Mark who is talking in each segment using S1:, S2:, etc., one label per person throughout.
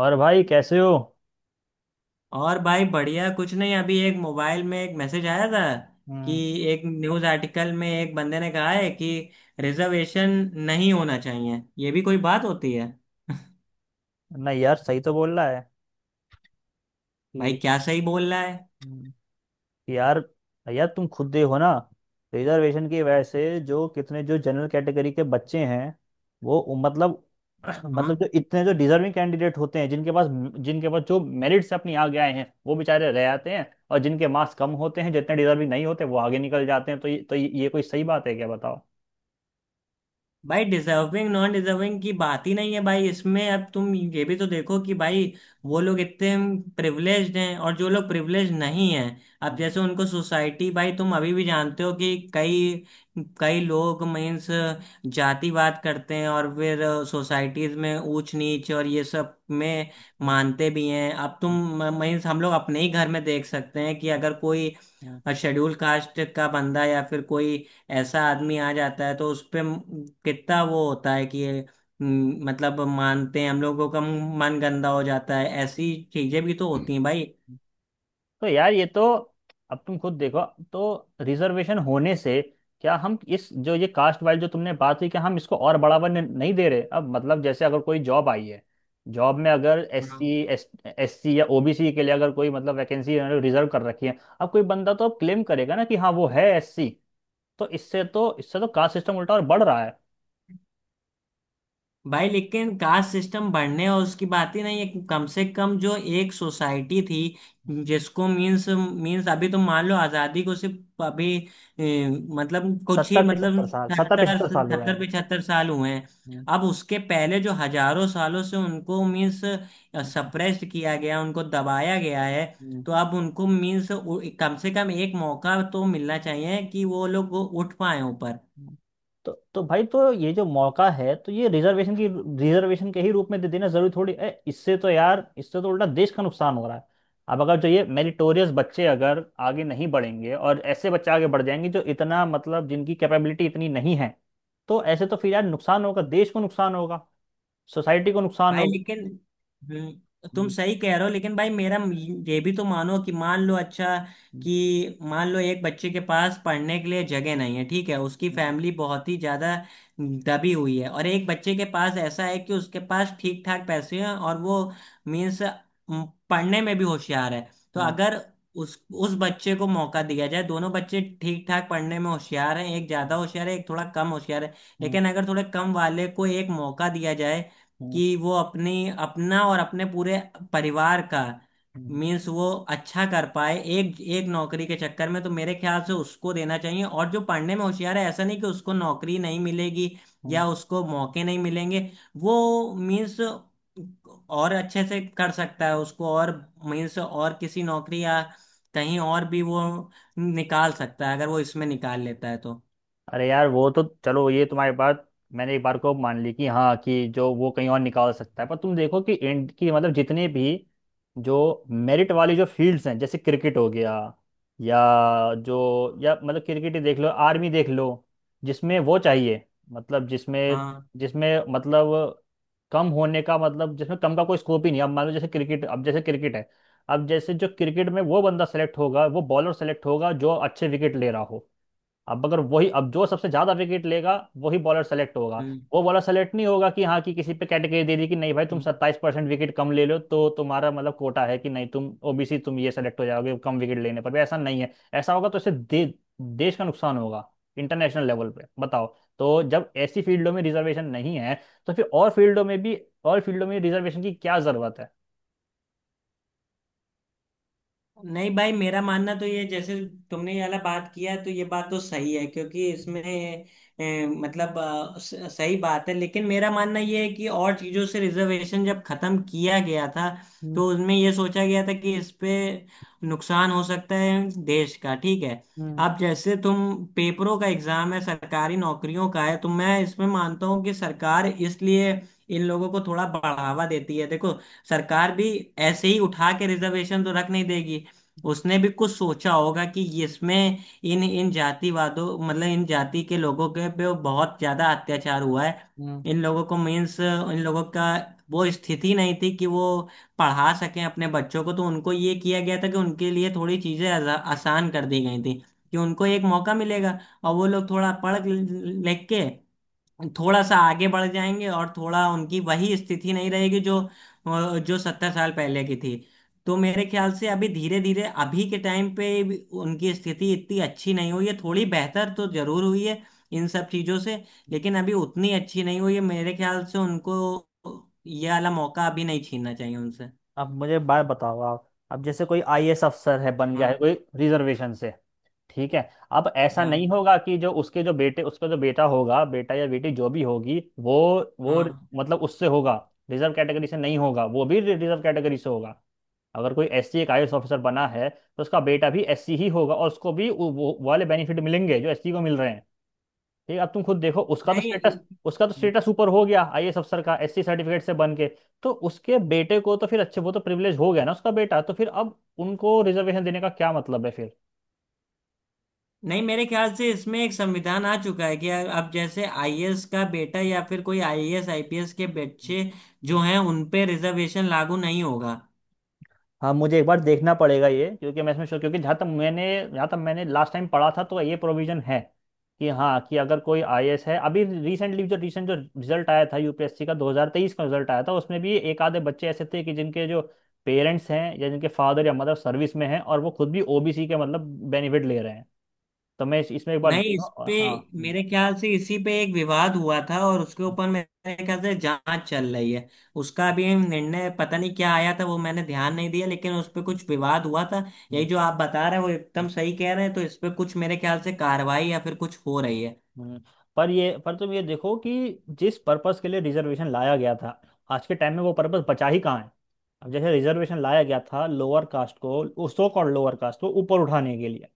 S1: और भाई कैसे हो।
S2: और भाई बढ़िया कुछ नहीं। अभी एक मोबाइल में एक मैसेज आया था कि
S1: हम्म।
S2: एक न्यूज़ आर्टिकल में एक बंदे ने कहा है कि रिजर्वेशन नहीं होना चाहिए, ये भी कोई बात होती है।
S1: नहीं यार, सही तो बोल रहा है
S2: भाई
S1: कि
S2: क्या सही बोल रहा है?
S1: हम्म, यार, यार तुम खुद देखो ना। रिजर्वेशन की वजह से जो कितने जो जनरल कैटेगरी के बच्चे हैं, वो मतलब
S2: हाँ?
S1: मतलब जो इतने जो डिजर्विंग कैंडिडेट होते हैं जिनके पास जो मेरिट से अपनी आगे आए हैं वो बेचारे रह जाते हैं। और जिनके मार्क्स कम होते हैं, जितने डिजर्विंग नहीं होते वो आगे निकल जाते हैं। तो ये कोई सही बात है क्या, बताओ।
S2: भाई डिजर्विंग नॉन डिजर्विंग की बात ही नहीं है भाई इसमें। अब तुम ये भी तो देखो कि भाई वो लोग इतने प्रिविलेज्ड हैं और जो लोग प्रिविलेज्ड नहीं हैं, अब
S1: हम्म,
S2: जैसे उनको सोसाइटी, भाई तुम अभी भी जानते हो कि कई कई लोग मीन्स जातिवाद करते हैं और फिर सोसाइटीज में ऊंच नीच और ये सब में
S1: हम्म,
S2: मानते भी हैं। अब
S1: हम्म,
S2: तुम मीन्स हम लोग अपने ही घर में देख सकते हैं कि अगर कोई
S1: हम्म,
S2: और शेड्यूल कास्ट का बंदा या फिर कोई ऐसा आदमी आ जाता है तो उस पे कितना वो होता है कि ये म, मतलब मानते हैं, हम लोगों का मन गंदा हो जाता है। ऐसी चीजें भी तो
S1: हम्म।
S2: होती हैं भाई।
S1: तो यार, ये तो अब तुम खुद देखो, तो रिजर्वेशन होने से क्या हम इस जो ये कास्ट वाइज जो तुमने बात हुई, क्या हम इसको और बढ़ावा नहीं दे रहे। अब मतलब जैसे अगर कोई जॉब आई है, जॉब में अगर एस एस सी या ओबीसी के लिए अगर कोई मतलब वैकेंसी रिजर्व कर रखी है, अब कोई बंदा तो अब क्लेम करेगा ना कि हाँ वो है एस सी। तो इससे तो कास्ट सिस्टम उल्टा और बढ़ रहा है।
S2: भाई लेकिन कास्ट सिस्टम बढ़ने और उसकी बात ही नहीं है। कम से कम जो एक सोसाइटी थी जिसको मींस मींस अभी तो मान लो आजादी को सिर्फ अभी ए, मतलब कुछ ही
S1: सत्तर
S2: सत्तर
S1: पिछहत्तर साल हुआ
S2: सत्तर
S1: है।
S2: पिछहत्तर साल हुए हैं।
S1: हम्म,
S2: अब उसके पहले जो हजारों सालों से उनको मींस
S1: हम्म,
S2: सप्रेस्ड किया गया, उनको दबाया गया है।
S1: हम्म।
S2: तो अब उनको मींस कम से कम एक मौका तो मिलना चाहिए कि वो लोग उठ पाए ऊपर।
S1: हम्म। तो भाई ये जो मौका है तो ये रिजर्वेशन के ही रूप में दे देना जरूरी थोड़ी है। इससे तो यार, इससे तो उल्टा देश का नुकसान हो रहा है। अब अगर जो ये मेरिटोरियस बच्चे अगर आगे नहीं बढ़ेंगे और ऐसे बच्चे आगे बढ़ जाएंगे जो इतना मतलब जिनकी कैपेबिलिटी इतनी नहीं है, तो ऐसे तो फिर यार नुकसान होगा, देश को नुकसान होगा, सोसाइटी को नुकसान
S2: भाई
S1: होगा।
S2: लेकिन तुम
S1: हम्म,
S2: सही कह रहे हो, लेकिन भाई मेरा ये भी तो मानो कि मान लो, अच्छा, कि मान लो एक बच्चे के पास पढ़ने के लिए जगह नहीं है, ठीक है, उसकी
S1: हम्म,
S2: फैमिली बहुत ही ज्यादा दबी हुई है, और एक बच्चे के पास ऐसा है कि उसके पास ठीक ठाक पैसे हैं और वो मीन्स पढ़ने में भी होशियार है। तो
S1: हम्म,
S2: अगर उस उस बच्चे को मौका दिया जाए, दोनों बच्चे ठीक ठाक पढ़ने में होशियार हैं, एक ज्यादा
S1: हम्म,
S2: होशियार है, एक थोड़ा कम होशियार है,
S1: हम्म,
S2: लेकिन अगर थोड़े कम वाले को एक मौका दिया जाए
S1: हम्म,
S2: कि वो अपनी अपना और अपने पूरे परिवार का
S1: हम्म,
S2: मीन्स वो अच्छा कर पाए एक एक नौकरी के चक्कर में, तो मेरे ख्याल से उसको देना चाहिए। और जो पढ़ने में होशियार है, ऐसा नहीं कि उसको नौकरी नहीं मिलेगी
S1: हम्म,
S2: या उसको मौके नहीं मिलेंगे। वो मीन्स और अच्छे से कर सकता है, उसको और मीन्स और किसी नौकरी या कहीं और भी वो निकाल सकता है। अगर वो इसमें निकाल लेता है तो
S1: अरे यार वो तो चलो, ये तुम्हारी बात मैंने एक बार को मान ली कि हाँ कि जो वो कहीं और निकाल सकता है। पर तुम देखो कि इंड की मतलब जितने भी जो मेरिट वाली जो फील्ड्स हैं, जैसे क्रिकेट हो गया, या जो या मतलब क्रिकेट ही देख लो, आर्मी देख लो, जिसमें वो चाहिए, मतलब जिसमें
S2: हाँ।
S1: जिसमें मतलब कम होने का मतलब, जिसमें कम का कोई स्कोप ही नहीं। अब मान लो जैसे क्रिकेट, अब जैसे क्रिकेट है, अब जैसे जो क्रिकेट में वो बंदा सेलेक्ट होगा, वो बॉलर सेलेक्ट होगा जो अच्छे विकेट ले रहा हो। अब अगर वही, अब जो सबसे ज्यादा विकेट लेगा वही बॉलर सेलेक्ट होगा।
S2: हम्म।
S1: वो बॉलर सेलेक्ट नहीं होगा कि हाँ कि किसी पे कैटेगरी दे दी कि नहीं भाई तुम
S2: हम्म।
S1: सत्ताईस परसेंट विकेट कम ले लो तो तुम्हारा मतलब कोटा है, कि नहीं तुम ओबीसी, तुम ये सेलेक्ट हो जाओगे कम विकेट लेने पर भी, ऐसा नहीं है। ऐसा होगा तो इससे देश का नुकसान होगा, इंटरनेशनल लेवल पे, बताओ। तो जब ऐसी फील्डों में रिजर्वेशन नहीं है तो फिर और फील्डों में भी, और फील्डों में रिजर्वेशन की क्या जरूरत है।
S2: नहीं भाई मेरा मानना तो ये, जैसे तुमने ये वाला बात किया तो ये बात तो सही है, क्योंकि इसमें ए, मतलब अ, स- सही बात है। लेकिन मेरा मानना ये है कि और चीज़ों से रिजर्वेशन जब खत्म किया गया था
S1: हम्म,
S2: तो उसमें ये सोचा गया था कि इस पे नुकसान हो सकता है देश का, ठीक है।
S1: हम्म,
S2: अब जैसे तुम पेपरों का एग्जाम है, सरकारी नौकरियों का है, तो मैं इसमें मानता हूँ कि सरकार इसलिए इन लोगों को थोड़ा बढ़ावा देती है। देखो सरकार भी ऐसे ही उठा के रिजर्वेशन तो रख नहीं देगी। उसने भी कुछ सोचा होगा कि इसमें इन इन जातिवादों मतलब इन जाति के लोगों के पे बहुत ज्यादा अत्याचार हुआ है।
S1: हम्म।
S2: इन लोगों को मीन्स इन लोगों का वो स्थिति नहीं थी कि वो पढ़ा सकें अपने बच्चों को। तो उनको ये किया गया था कि उनके लिए थोड़ी चीजें आसान कर दी गई थी कि उनको एक मौका मिलेगा और वो लोग थोड़ा पढ़ लिख के थोड़ा सा आगे बढ़ जाएंगे और थोड़ा उनकी वही स्थिति नहीं रहेगी जो जो सत्तर साल पहले की थी। तो मेरे ख्याल से अभी धीरे धीरे अभी के टाइम पे भी उनकी स्थिति इतनी अच्छी नहीं हुई है, थोड़ी बेहतर तो जरूर हुई है इन सब चीजों से, लेकिन अभी उतनी अच्छी नहीं हुई है। मेरे ख्याल से उनको ये वाला मौका अभी नहीं छीनना चाहिए उनसे।
S1: अब मुझे बात बताओ आप, अब जैसे कोई आईएएस अफसर है, बन गया है
S2: हाँ।
S1: कोई रिजर्वेशन से, ठीक है। अब ऐसा
S2: हाँ।
S1: नहीं होगा कि जो उसके जो बेटे, उसका जो बेटा होगा, बेटा या बेटी जो भी होगी वो
S2: हाँ।
S1: मतलब उससे होगा, रिजर्व कैटेगरी से नहीं होगा, वो भी रिजर्व कैटेगरी से होगा। अगर कोई एससी एक आईएएस ऑफिसर बना है तो उसका बेटा भी एससी ही होगा, और उसको भी वो वाले बेनिफिट मिलेंगे जो एससी को मिल रहे हैं। ठीक है, अब तुम खुद देखो,
S2: नहीं
S1: उसका तो स्टेटस ऊपर हो गया, आईएएस अफसर का, एससी सर्टिफिकेट से बन के। तो उसके बेटे को तो फिर अच्छे, वो तो प्रिविलेज हो गया ना, उसका बेटा, तो फिर अब उनको रिजर्वेशन देने का क्या मतलब है।
S2: नहीं मेरे ख्याल से इसमें एक संविधान आ चुका है कि अब जैसे आईएएस का बेटा या फिर कोई आईएएस आईपीएस के बच्चे
S1: फिर
S2: जो हैं उन पे रिजर्वेशन लागू नहीं होगा।
S1: हाँ, मुझे एक बार देखना पड़ेगा ये, क्योंकि मैं इसमें क्योंकि जहाँ तक मैंने लास्ट टाइम पढ़ा था तो ये प्रोविजन है कि हाँ कि अगर कोई आईएएस है। अभी रिसेंटली जो रिजल्ट आया था, यूपीएससी का 2023 का रिजल्ट आया था, उसमें भी एक आधे बच्चे ऐसे थे कि जिनके जो पेरेंट्स हैं या जिनके फादर या मदर सर्विस में हैं और वो खुद भी ओबीसी के मतलब बेनिफिट ले रहे हैं। तो मैं इसमें एक बार
S2: नहीं,
S1: देखूँ।
S2: इस पे
S1: हाँ,
S2: मेरे ख्याल से इसी पे एक विवाद हुआ था और उसके ऊपर मेरे ख्याल से जांच चल रही है। उसका अभी निर्णय पता नहीं क्या आया था, वो मैंने ध्यान नहीं दिया, लेकिन उस पे कुछ विवाद हुआ था। यही
S1: हम्म,
S2: जो आप बता रहे हैं वो
S1: हम्म,
S2: एकदम सही कह रहे हैं, तो इस पे कुछ मेरे ख्याल से कार्रवाई या फिर कुछ हो रही है।
S1: हम्म। पर तुम ये देखो कि जिस पर्पस के लिए रिजर्वेशन लाया गया था, आज के टाइम में वो पर्पस बचा ही कहाँ है। अब जैसे रिजर्वेशन लाया गया था लोअर कास्ट को, सो कॉल्ड लोअर कास्ट को ऊपर उठाने के लिए,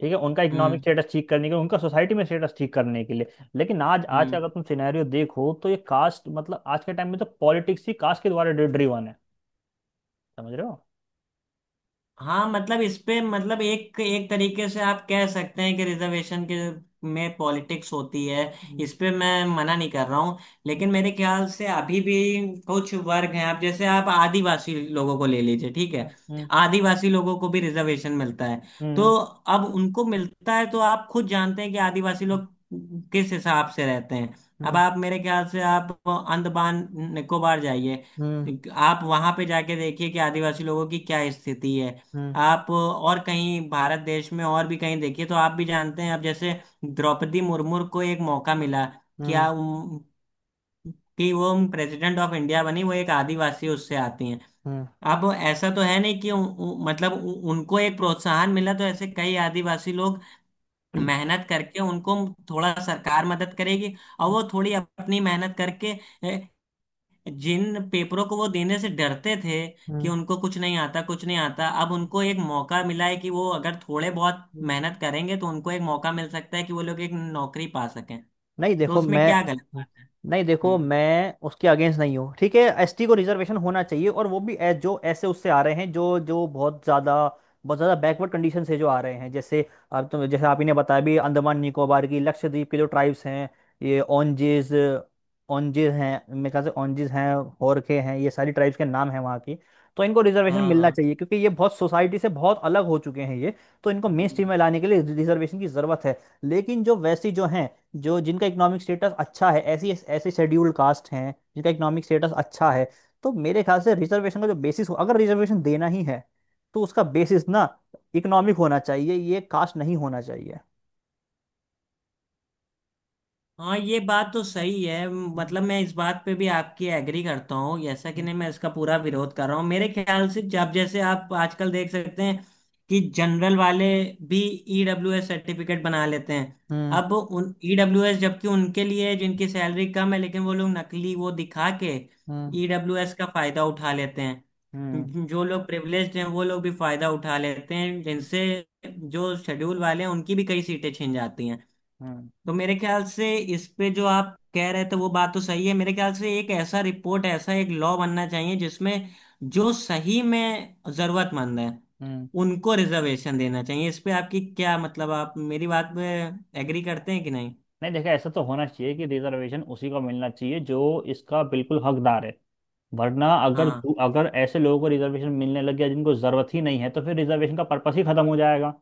S1: ठीक है, उनका इकोनॉमिक
S2: हम्म।
S1: स्टेटस ठीक करने के लिए, उनका सोसाइटी में स्टेटस ठीक करने के लिए। लेकिन आज आज का
S2: हम्म।
S1: अगर तुम सिनेरियो देखो तो ये कास्ट मतलब, आज के टाइम में तो पॉलिटिक्स ही कास्ट के द्वारा ड्रिवन है। समझ रहे हो।
S2: हाँ मतलब इस पे मतलब एक एक तरीके से आप कह सकते हैं कि रिजर्वेशन के में पॉलिटिक्स होती है,
S1: हम्म,
S2: इस पे मैं मना नहीं कर रहा हूँ। लेकिन मेरे ख्याल से अभी भी कुछ वर्ग हैं। आप जैसे आप आदिवासी लोगों को ले लीजिए, ठीक है।
S1: हम्म,
S2: आदिवासी लोगों को भी रिजर्वेशन मिलता है।
S1: हम्म,
S2: तो अब उनको मिलता है तो आप खुद जानते हैं कि आदिवासी लोग किस हिसाब से रहते हैं। अब
S1: हम्म,
S2: आप मेरे ख्याल से आप अंडमान निकोबार जाइए,
S1: हम्म,
S2: आप वहां पे जाके देखिए कि आदिवासी लोगों की क्या स्थिति है।
S1: हम्म,
S2: आप और कहीं भारत देश में और भी कहीं देखिए तो आप भी जानते हैं। अब जैसे द्रौपदी मुर्मू को एक मौका मिला
S1: हम्म,
S2: क्या उम, कि वो प्रेसिडेंट ऑफ इंडिया बनी, वो एक आदिवासी उससे आती हैं।
S1: हम्म,
S2: अब ऐसा तो है नहीं कि उ, उ, मतलब उ, उनको एक प्रोत्साहन मिला तो ऐसे कई आदिवासी लोग
S1: हम्म,
S2: मेहनत करके, उनको थोड़ा सरकार मदद करेगी और वो थोड़ी अपनी मेहनत करके जिन पेपरों को वो देने से डरते थे कि
S1: हम्म,
S2: उनको कुछ नहीं आता कुछ नहीं आता, अब उनको एक मौका मिला है कि वो अगर थोड़े बहुत
S1: हम्म,
S2: मेहनत करेंगे तो उनको एक मौका मिल सकता है कि वो लोग एक नौकरी पा सकें।
S1: नहीं
S2: तो
S1: देखो
S2: उसमें
S1: मैं
S2: क्या गलत बात है।
S1: नहीं देखो
S2: हम्म।
S1: मैं उसके अगेंस्ट नहीं हूँ। ठीक है, एसटी को रिजर्वेशन होना चाहिए, और वो भी जो ऐसे उससे आ रहे हैं, जो जो बहुत ज़्यादा बैकवर्ड कंडीशन से जो आ रहे हैं। जैसे आप तो, जैसे आप ही ने बताया भी, अंडमान निकोबार की, लक्षद्वीप के जो ट्राइब्स हैं, ये ओंजेज, ओंजेज हैं मेरे ख्याल से, ओंजेज हैं, होरखे हैं, ये सारी ट्राइब्स के नाम हैं वहाँ की। तो इनको रिजर्वेशन
S2: हाँ।
S1: मिलना
S2: हाँ।
S1: चाहिए क्योंकि ये बहुत सोसाइटी से बहुत अलग हो चुके हैं ये। तो इनको मेन स्ट्रीम में लाने के लिए रिजर्वेशन की ज़रूरत है। लेकिन जो वैसी जो हैं, जो जिनका इकोनॉमिक स्टेटस अच्छा है, ऐसी ऐसे शेड्यूल्ड कास्ट हैं जिनका इकोनॉमिक स्टेटस अच्छा है, तो मेरे ख्याल से रिजर्वेशन का जो बेसिस हो, अगर रिजर्वेशन देना ही है, तो उसका बेसिस ना इकोनॉमिक होना चाहिए, ये कास्ट नहीं होना चाहिए।
S2: हाँ ये बात तो सही है,
S1: हम्म,
S2: मतलब मैं इस बात पे भी आपकी एग्री करता हूँ, जैसा कि नहीं मैं इसका पूरा विरोध कर रहा हूँ। मेरे ख्याल से जब जैसे आप आजकल देख सकते हैं कि जनरल वाले भी ईडब्ल्यूएस सर्टिफिकेट बना लेते हैं।
S1: हम्म,
S2: अब उन ईडब्ल्यूएस जबकि उनके लिए जिनकी सैलरी कम है, लेकिन वो लोग नकली वो दिखा के
S1: हम्म,
S2: ईडब्ल्यूएस का फायदा उठा लेते
S1: हम्म,
S2: हैं। जो लोग प्रिविलेज्ड हैं वो लोग भी फायदा उठा लेते हैं, जिनसे जो शेड्यूल वाले हैं उनकी भी कई सीटें छिन जाती हैं।
S1: हम्म,
S2: तो मेरे ख्याल से इस पे जो आप कह रहे थे वो बात तो सही है। मेरे ख्याल से एक ऐसा रिपोर्ट, ऐसा एक लॉ बनना चाहिए जिसमें जो सही में जरूरतमंद है
S1: हम्म।
S2: उनको रिजर्वेशन देना चाहिए। इस पे आपकी क्या मतलब, आप मेरी बात पे एग्री करते हैं कि नहीं?
S1: नहीं देखा, ऐसा तो होना चाहिए कि रिजर्वेशन उसी को मिलना चाहिए जो इसका बिल्कुल हकदार है। वरना अगर
S2: हाँ।
S1: अगर ऐसे लोगों को रिजर्वेशन मिलने लग गया जिनको ज़रूरत ही नहीं है, तो फिर रिजर्वेशन का पर्पस ही खत्म हो जाएगा।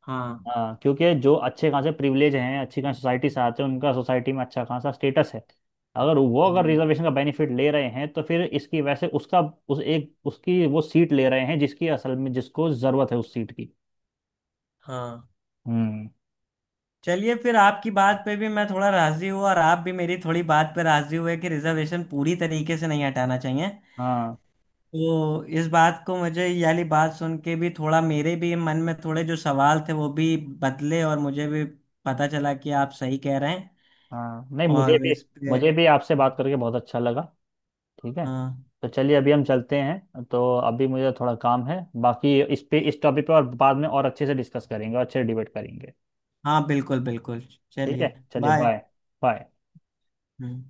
S2: हाँ।
S1: हाँ, क्योंकि जो अच्छे खासे प्रिविलेज हैं, अच्छी खासी सोसाइटी से आते हैं, उनका सोसाइटी में अच्छा खासा स्टेटस है। अगर वो, अगर
S2: हम्म।
S1: रिजर्वेशन का बेनिफिट ले रहे हैं तो फिर इसकी वजह से उसका उस एक उसकी वो सीट ले रहे हैं जिसकी असल में, जिसको ज़रूरत है उस सीट की।
S2: हाँ
S1: हम्म,
S2: चलिए, फिर आपकी बात पे भी मैं थोड़ा राजी हुआ और आप भी मेरी थोड़ी बात पे राजी हुए कि रिजर्वेशन पूरी तरीके से नहीं हटाना चाहिए।
S1: हाँ,
S2: तो इस बात को मुझे ये वाली बात सुन के भी थोड़ा मेरे भी मन में थोड़े जो सवाल थे वो भी बदले और मुझे भी
S1: हम्म,
S2: पता चला कि आप सही कह रहे हैं।
S1: हाँ, नहीं मुझे
S2: और
S1: भी
S2: इस पे
S1: मुझे भी आपसे बात करके बहुत अच्छा लगा। ठीक है,
S2: हाँ।
S1: तो चलिए अभी हम चलते हैं, तो अभी मुझे थोड़ा काम है। बाकी इस पे, इस टॉपिक पर और बाद में और अच्छे से डिस्कस करेंगे और अच्छे से डिबेट करेंगे।
S2: हाँ बिल्कुल बिल्कुल।
S1: ठीक है,
S2: चलिए।
S1: चलिए
S2: बाय।
S1: बाय। बाय।
S2: हम्म।